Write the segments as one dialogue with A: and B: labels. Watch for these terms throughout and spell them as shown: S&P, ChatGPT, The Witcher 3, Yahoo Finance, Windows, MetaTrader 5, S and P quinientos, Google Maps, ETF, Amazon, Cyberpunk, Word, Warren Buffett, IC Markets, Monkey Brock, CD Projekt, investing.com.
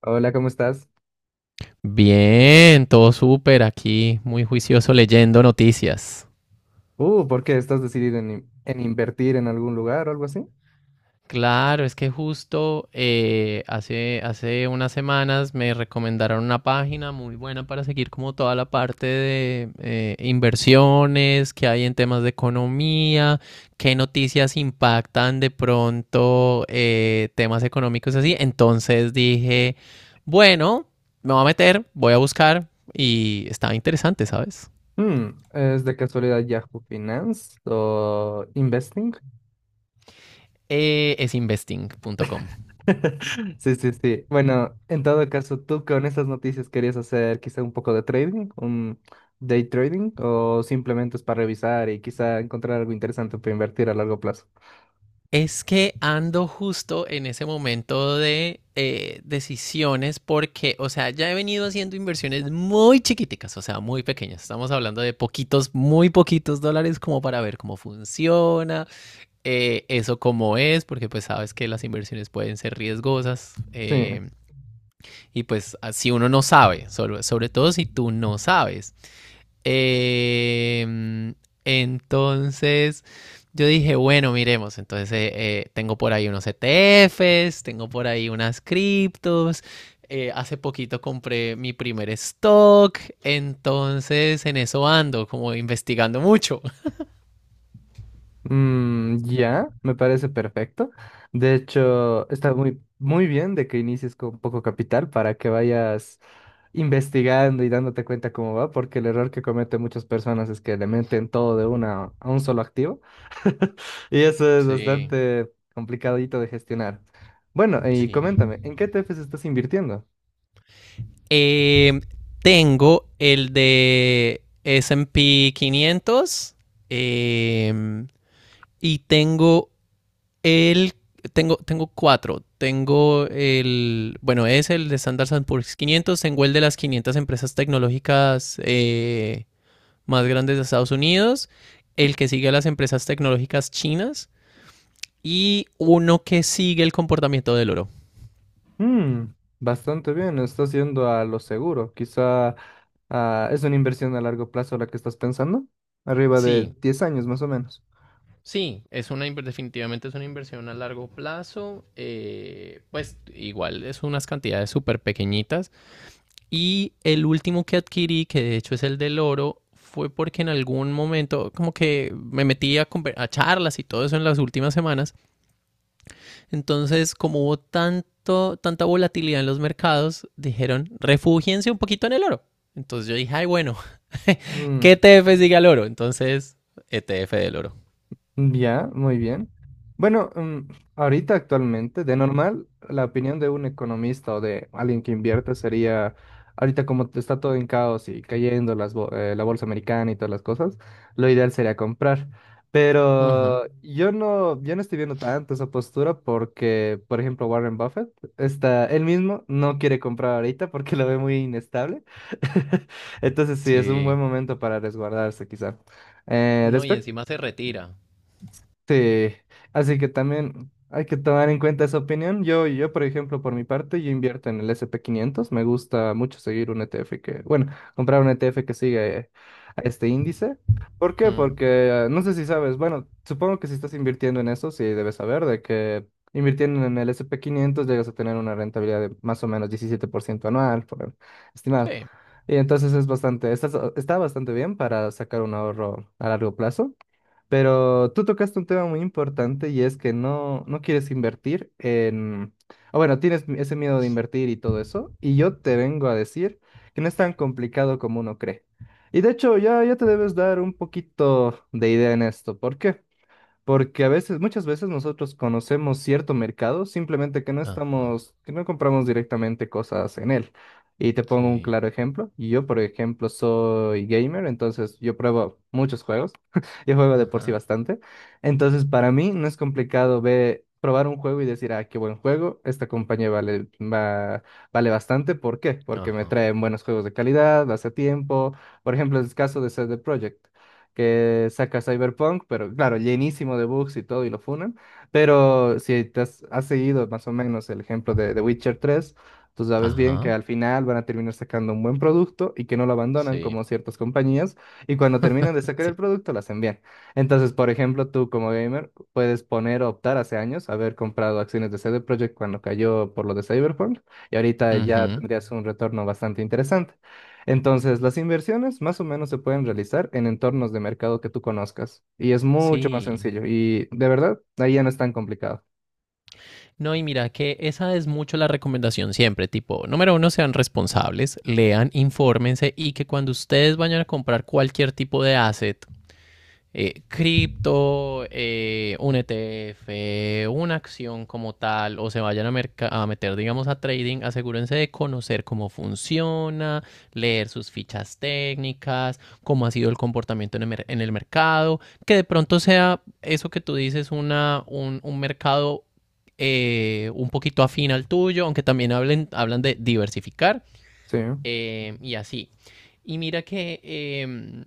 A: Hola, ¿cómo estás?
B: Bien, todo súper aquí, muy juicioso leyendo noticias.
A: ¿Por qué estás decidido en invertir en algún lugar o algo así?
B: Claro, es que justo hace unas semanas me recomendaron una página muy buena para seguir como toda la parte de inversiones que hay en temas de economía, qué noticias impactan de pronto temas económicos así. Entonces dije, bueno, me voy a meter, voy a buscar y estaba interesante, ¿sabes?
A: ¿Es de casualidad Yahoo Finance o Investing?
B: Es investing.com.
A: Sí, sí, sí. Bueno, en todo caso, ¿tú con estas noticias querías hacer quizá un poco de trading, un day trading, o simplemente es para revisar y quizá encontrar algo interesante para invertir a largo plazo?
B: Es que ando justo en ese momento de decisiones porque, o sea, ya he venido haciendo inversiones muy chiquiticas, o sea, muy pequeñas. Estamos hablando de poquitos, muy poquitos dólares como para ver cómo funciona, eso cómo es, porque pues sabes que las inversiones pueden ser riesgosas
A: Sí.
B: y pues si uno no sabe, sobre todo si tú no sabes. Eh, entonces, yo dije, bueno, miremos. Entonces, tengo por ahí unos ETFs, tengo por ahí unas criptos. Hace poquito compré mi primer stock. Entonces, en eso ando, como investigando mucho.
A: Ya, me parece perfecto. De hecho, está muy, muy bien de que inicies con poco capital para que vayas investigando y dándote cuenta cómo va, porque el error que cometen muchas personas es que le meten todo de una a un solo activo y eso es
B: Sí,
A: bastante complicadito de gestionar. Bueno, y
B: sí.
A: coméntame, ¿en qué ETFs estás invirtiendo?
B: Em, Tengo el de S&P quinientos, em, y tengo. El, tengo cuatro. Tengo el, bueno, es el de Standard and Poor's quinientos. Tengo el de las 500 empresas tecnológicas más grandes de Estados Unidos. El que sigue a las empresas tecnológicas chinas. Y uno que sigue el comportamiento del oro.
A: Mm, Bastante bien, estás yendo a lo seguro. Quizá es una inversión a largo plazo la que estás pensando, arriba de
B: Sí,
A: 10 años más o menos.
B: sí, es una, definitivamente es una inversión a largo plazo. Pues igual es unas cantidades súper pequeñitas. Y el último que adquirí, que de hecho es el del oro, fue porque en algún momento como que me metí a charlas y todo eso en las últimas semanas. Entonces, como hubo tanto, tanta volatilidad en los mercados, dijeron, refúgiense un poquito en el oro. Entonces yo dije, ay, bueno, ¿qué
A: Mm,
B: ETF sigue al oro? Entonces, ETF del oro.
A: ya, muy bien. Bueno, ahorita actualmente, de normal, la opinión de un economista o de alguien que invierte sería, ahorita como está todo en caos y cayendo las la bolsa americana y todas las cosas, lo ideal sería comprar.
B: Ujú.
A: Pero yo no, yo no estoy viendo tanto esa postura porque, por ejemplo, Warren Buffett, él mismo no quiere comprar ahorita porque lo ve muy inestable. Entonces sí, es un buen
B: Sí.
A: momento para resguardarse quizá. Eh,
B: No, y encima se retira.
A: Sí, así que también hay que tomar en cuenta esa opinión. Yo, por ejemplo, por mi parte, yo invierto en el S&P 500. Me gusta mucho seguir un ETF que, bueno, comprar un ETF que sigue a este índice. ¿Por qué?
B: Mm.
A: Porque no sé si sabes, bueno, supongo que si estás invirtiendo en eso, sí debes saber de que invirtiendo en el S&P 500 llegas a tener una rentabilidad de más o menos 17% anual, estimado.
B: Sí.
A: Y entonces es bastante, está bastante bien para sacar un ahorro a largo plazo. Pero tú tocaste un tema muy importante y es que no quieres invertir en. O bueno, tienes ese miedo de invertir y todo eso. Y yo te vengo a decir que no es tan complicado como uno cree. Y de hecho, ya te debes dar un poquito de idea en esto. ¿Por qué? Porque a veces, muchas veces nosotros conocemos cierto mercado, simplemente
B: Ajá.
A: que no compramos directamente cosas en él. Y te pongo un
B: Sí.
A: claro ejemplo. Yo, por ejemplo, soy gamer, entonces yo pruebo muchos juegos. Yo juego de por sí
B: Ajá.
A: bastante. Entonces, para mí no es complicado ver, probar un juego y decir, ah, qué buen juego, esta compañía vale, vale bastante. ¿Por qué? Porque me
B: Ajá.
A: traen buenos juegos de calidad, hace tiempo. Por ejemplo, es el caso de CD Projekt que saca Cyberpunk, pero claro, llenísimo de bugs y todo, y lo funan. Pero si te has seguido más o menos el ejemplo de The Witcher 3, tú sabes bien que
B: Ajá.
A: al final van a terminar sacando un buen producto y que no lo abandonan
B: Sí.
A: como ciertas compañías, y cuando terminan de sacar el
B: Sí.
A: producto, lo hacen bien. Entonces, por ejemplo, tú como gamer puedes poner o optar hace años haber comprado acciones de CD Projekt cuando cayó por lo de Cyberpunk, y ahorita ya
B: Ujú.
A: tendrías un retorno bastante interesante. Entonces, las inversiones más o menos se pueden realizar en entornos de mercado que tú conozcas y es mucho más
B: Sí.
A: sencillo y de verdad, ahí ya no es tan complicado.
B: No, y mira que esa es mucho la recomendación siempre, tipo, número uno, sean responsables, lean, infórmense y que cuando ustedes vayan a comprar cualquier tipo de asset, cripto, un ETF, una acción como tal, o se vayan a meter, digamos, a trading, asegúrense de conocer cómo funciona, leer sus fichas técnicas, cómo ha sido el comportamiento en el mercado, que de pronto sea eso que tú dices, un mercado un poquito afín al tuyo, aunque también hablen, hablan de diversificar
A: Sí.
B: y así. Y mira que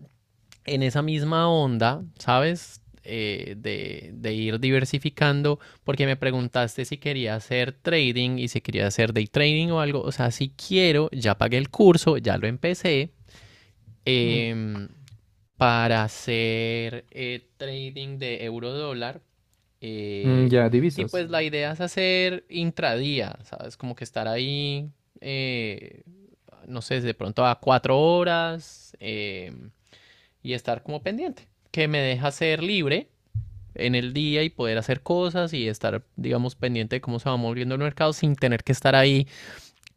B: en esa misma onda, ¿sabes? De ir diversificando, porque me preguntaste si quería hacer trading y si quería hacer day trading o algo. O sea, si quiero, ya pagué el curso, ya lo empecé.
A: Mm.
B: em, para hacer trading de euro dólar.
A: Mm,
B: eh,
A: ya,
B: y
A: divisas.
B: pues la idea es hacer intradía, ¿sabes? Como que estar ahí, eh, no sé, de pronto a cuatro horas, y estar como pendiente, que me deja ser libre en el día y poder hacer cosas y estar, digamos, pendiente de cómo se va moviendo el mercado sin tener que estar ahí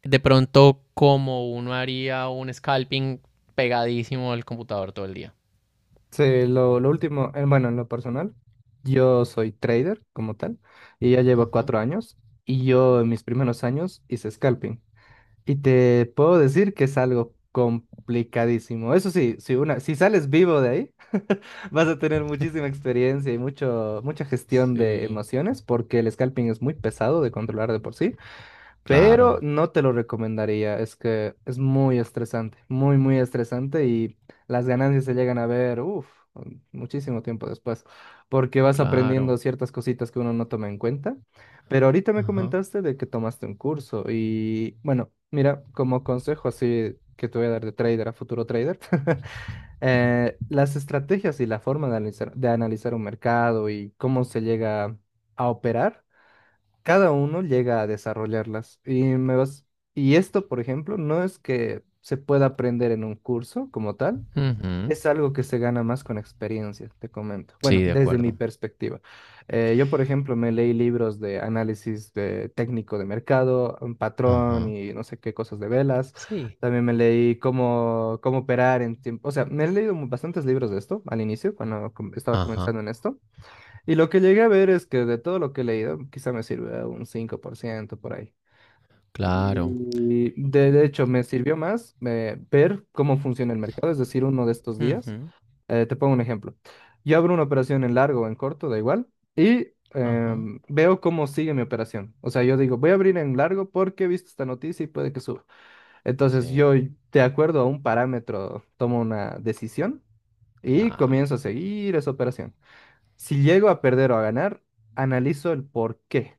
B: de pronto como uno haría un scalping pegadísimo al computador todo el día.
A: Sí, lo último, bueno, en lo personal, yo soy trader como tal y ya llevo
B: Ujú.
A: 4 años y yo en mis primeros años hice scalping. Y te puedo decir que es algo complicadísimo. Eso sí, si sales vivo de ahí, vas a tener muchísima experiencia y mucha gestión de
B: Sí,
A: emociones, porque el scalping es muy pesado de controlar de por sí pero
B: claro,
A: no te lo recomendaría. Es que es muy estresante, muy, muy estresante y las ganancias se llegan a ver, uff, muchísimo tiempo después, porque vas aprendiendo
B: claro.
A: ciertas cositas que uno no toma en cuenta. Pero ahorita me
B: Ajá.
A: comentaste de que tomaste un curso y bueno, mira, como consejo así que te voy a dar de trader a futuro trader, las estrategias y la forma de analizar un mercado y cómo se llega a operar cada uno llega a desarrollarlas. Y esto, por ejemplo, no es que se pueda aprender en un curso como tal,
B: Ujú.
A: es algo que se gana más con experiencia, te comento. Bueno,
B: Sí, de
A: desde mi
B: acuerdo.
A: perspectiva. Yo, por ejemplo, me leí libros de análisis de técnico de mercado, un patrón
B: Ajá.
A: y no sé qué cosas de velas.
B: Sí.
A: También me leí cómo operar en tiempo. O sea, me he leído bastantes libros de esto al inicio, cuando estaba
B: Ajá.
A: comenzando en esto. Y lo que llegué a ver es que de todo lo que he leído, quizá me sirve un 5% por ciento por ahí.
B: Claro.
A: Y de hecho, me sirvió más ver cómo funciona el mercado, es decir, uno de estos días.
B: Ujú.
A: Te pongo un ejemplo. Yo abro una operación en largo o en corto, da igual, y
B: Ajá.
A: veo cómo sigue mi operación. O sea, yo digo, voy a abrir en largo porque he visto esta noticia y puede que suba. Entonces,
B: Sí,
A: yo, de acuerdo a un parámetro, tomo una decisión y
B: claro.
A: comienzo a seguir esa operación. Si llego a perder o a ganar, analizo el por qué.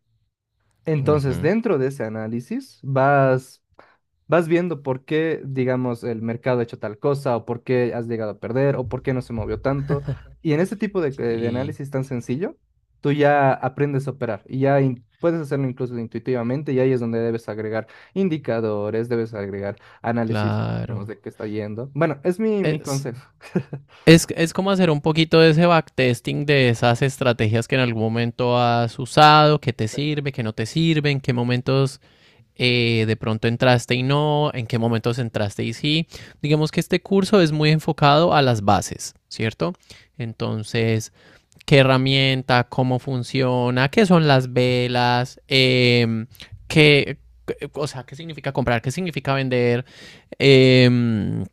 A: Entonces,
B: Ujú.
A: dentro de ese análisis, vas viendo por qué, digamos, el mercado ha hecho tal cosa, o por qué has llegado a perder, o por qué no se movió tanto. Y en ese tipo de
B: Sí,
A: análisis tan sencillo, tú ya aprendes a operar y ya puedes hacerlo incluso intuitivamente, y ahí es donde debes agregar indicadores, debes agregar análisis, digamos,
B: claro.
A: de qué está yendo. Bueno, es mi
B: Es,
A: consejo.
B: es como hacer un poquito de ese backtesting de esas estrategias que en algún momento has usado, que te sirve, que no te sirve, en qué momentos de pronto entraste y no, en qué momentos entraste y sí. Digamos que este curso es muy enfocado a las bases, ¿cierto? Entonces, qué herramienta, cómo funciona, qué son las velas, qué, o sea, qué significa comprar, qué significa vender, eh,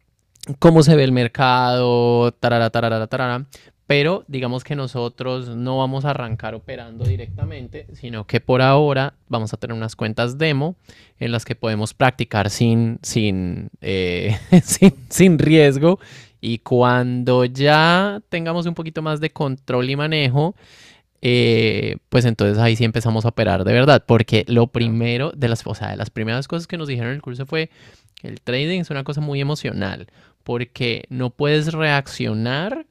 B: cómo se ve el mercado, tarara, tarara, tarara. Pero digamos que nosotros no vamos a arrancar operando directamente, sino que por ahora vamos a tener unas cuentas demo en las que podemos practicar sin, sin, sin riesgo. Y cuando ya tengamos un poquito más de control y manejo, pues entonces ahí sí empezamos a operar de verdad, porque lo
A: Ya.
B: primero de las, o sea, de las primeras cosas que nos dijeron en el curso fue que el trading es una cosa muy emocional, porque no puedes reaccionar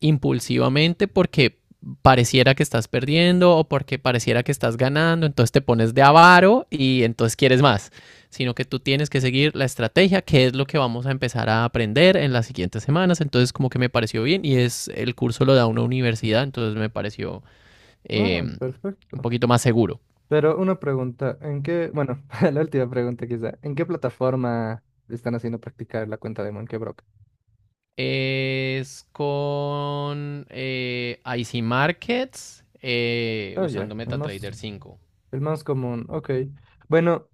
B: impulsivamente porque pareciera que estás perdiendo o porque pareciera que estás ganando, entonces te pones de avaro y entonces quieres más, sino que tú tienes que seguir la estrategia, que es lo que vamos a empezar a aprender en las siguientes semanas, entonces como que me pareció bien y es el curso lo da una universidad, entonces me pareció
A: Ah,
B: un
A: perfecto.
B: poquito más seguro.
A: Pero una pregunta, bueno, la última pregunta quizá, ¿en qué plataforma están haciendo practicar la cuenta de Monkey Brock?
B: Es con IC Markets
A: Oh, ya,
B: usando
A: el
B: MetaTrader
A: más,
B: 5.
A: el más común, ok. Bueno,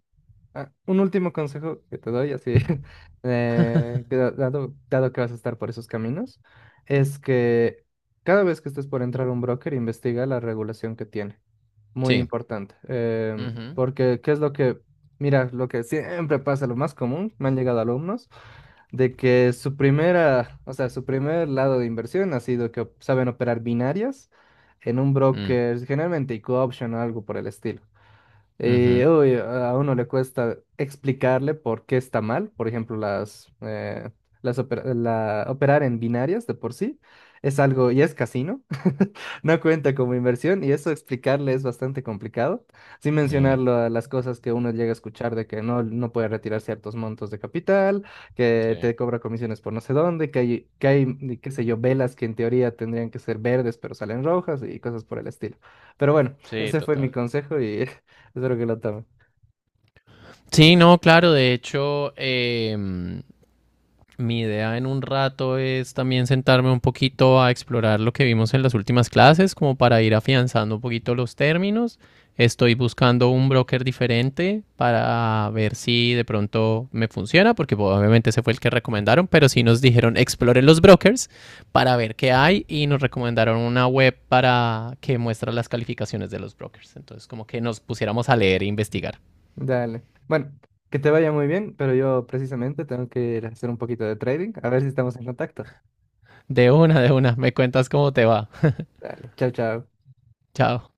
A: un último consejo que te doy, así, que dado que vas a estar por esos caminos, es que cada vez que estés por entrar a un broker, investiga la regulación que tiene. Muy
B: Sí.
A: importante.
B: Ujú.
A: Porque, ¿qué es lo que, mira, lo que siempre pasa, lo más común, me han llegado alumnos, de que su primera, o sea, su primer lado de inversión ha sido que saben operar binarias en un
B: Mm.
A: broker, generalmente y option o algo por el estilo. Y
B: Ujú.
A: uy, a uno le cuesta explicarle por qué está mal. Por ejemplo, operar en binarias de por sí es algo y es casino. No cuenta como inversión y eso explicarle es bastante complicado. Sin mencionar
B: Sí.
A: las cosas que uno llega a escuchar de que no puede retirar ciertos montos de capital,
B: Sí.
A: que te cobra comisiones por no sé dónde, que hay, qué sé yo, velas que en teoría tendrían que ser verdes pero salen rojas y cosas por el estilo. Pero bueno.
B: Sí,
A: Ese fue mi
B: total.
A: consejo y espero que lo tome.
B: Sí, no, claro, de hecho, mi idea en un rato es también sentarme un poquito a explorar lo que vimos en las últimas clases, como para ir afianzando un poquito los términos. Estoy buscando un broker diferente para ver si de pronto me funciona, porque pues, obviamente ese fue el que recomendaron, pero sí nos dijeron exploren los brokers para ver qué hay y nos recomendaron una web para que muestra las calificaciones de los brokers. Entonces como que nos pusiéramos a leer e investigar.
A: Dale. Bueno, que te vaya muy bien, pero yo precisamente tengo que ir a hacer un poquito de trading. A ver si estamos en contacto.
B: Me cuentas cómo te va.
A: Dale. Chao, chao.
B: Chao.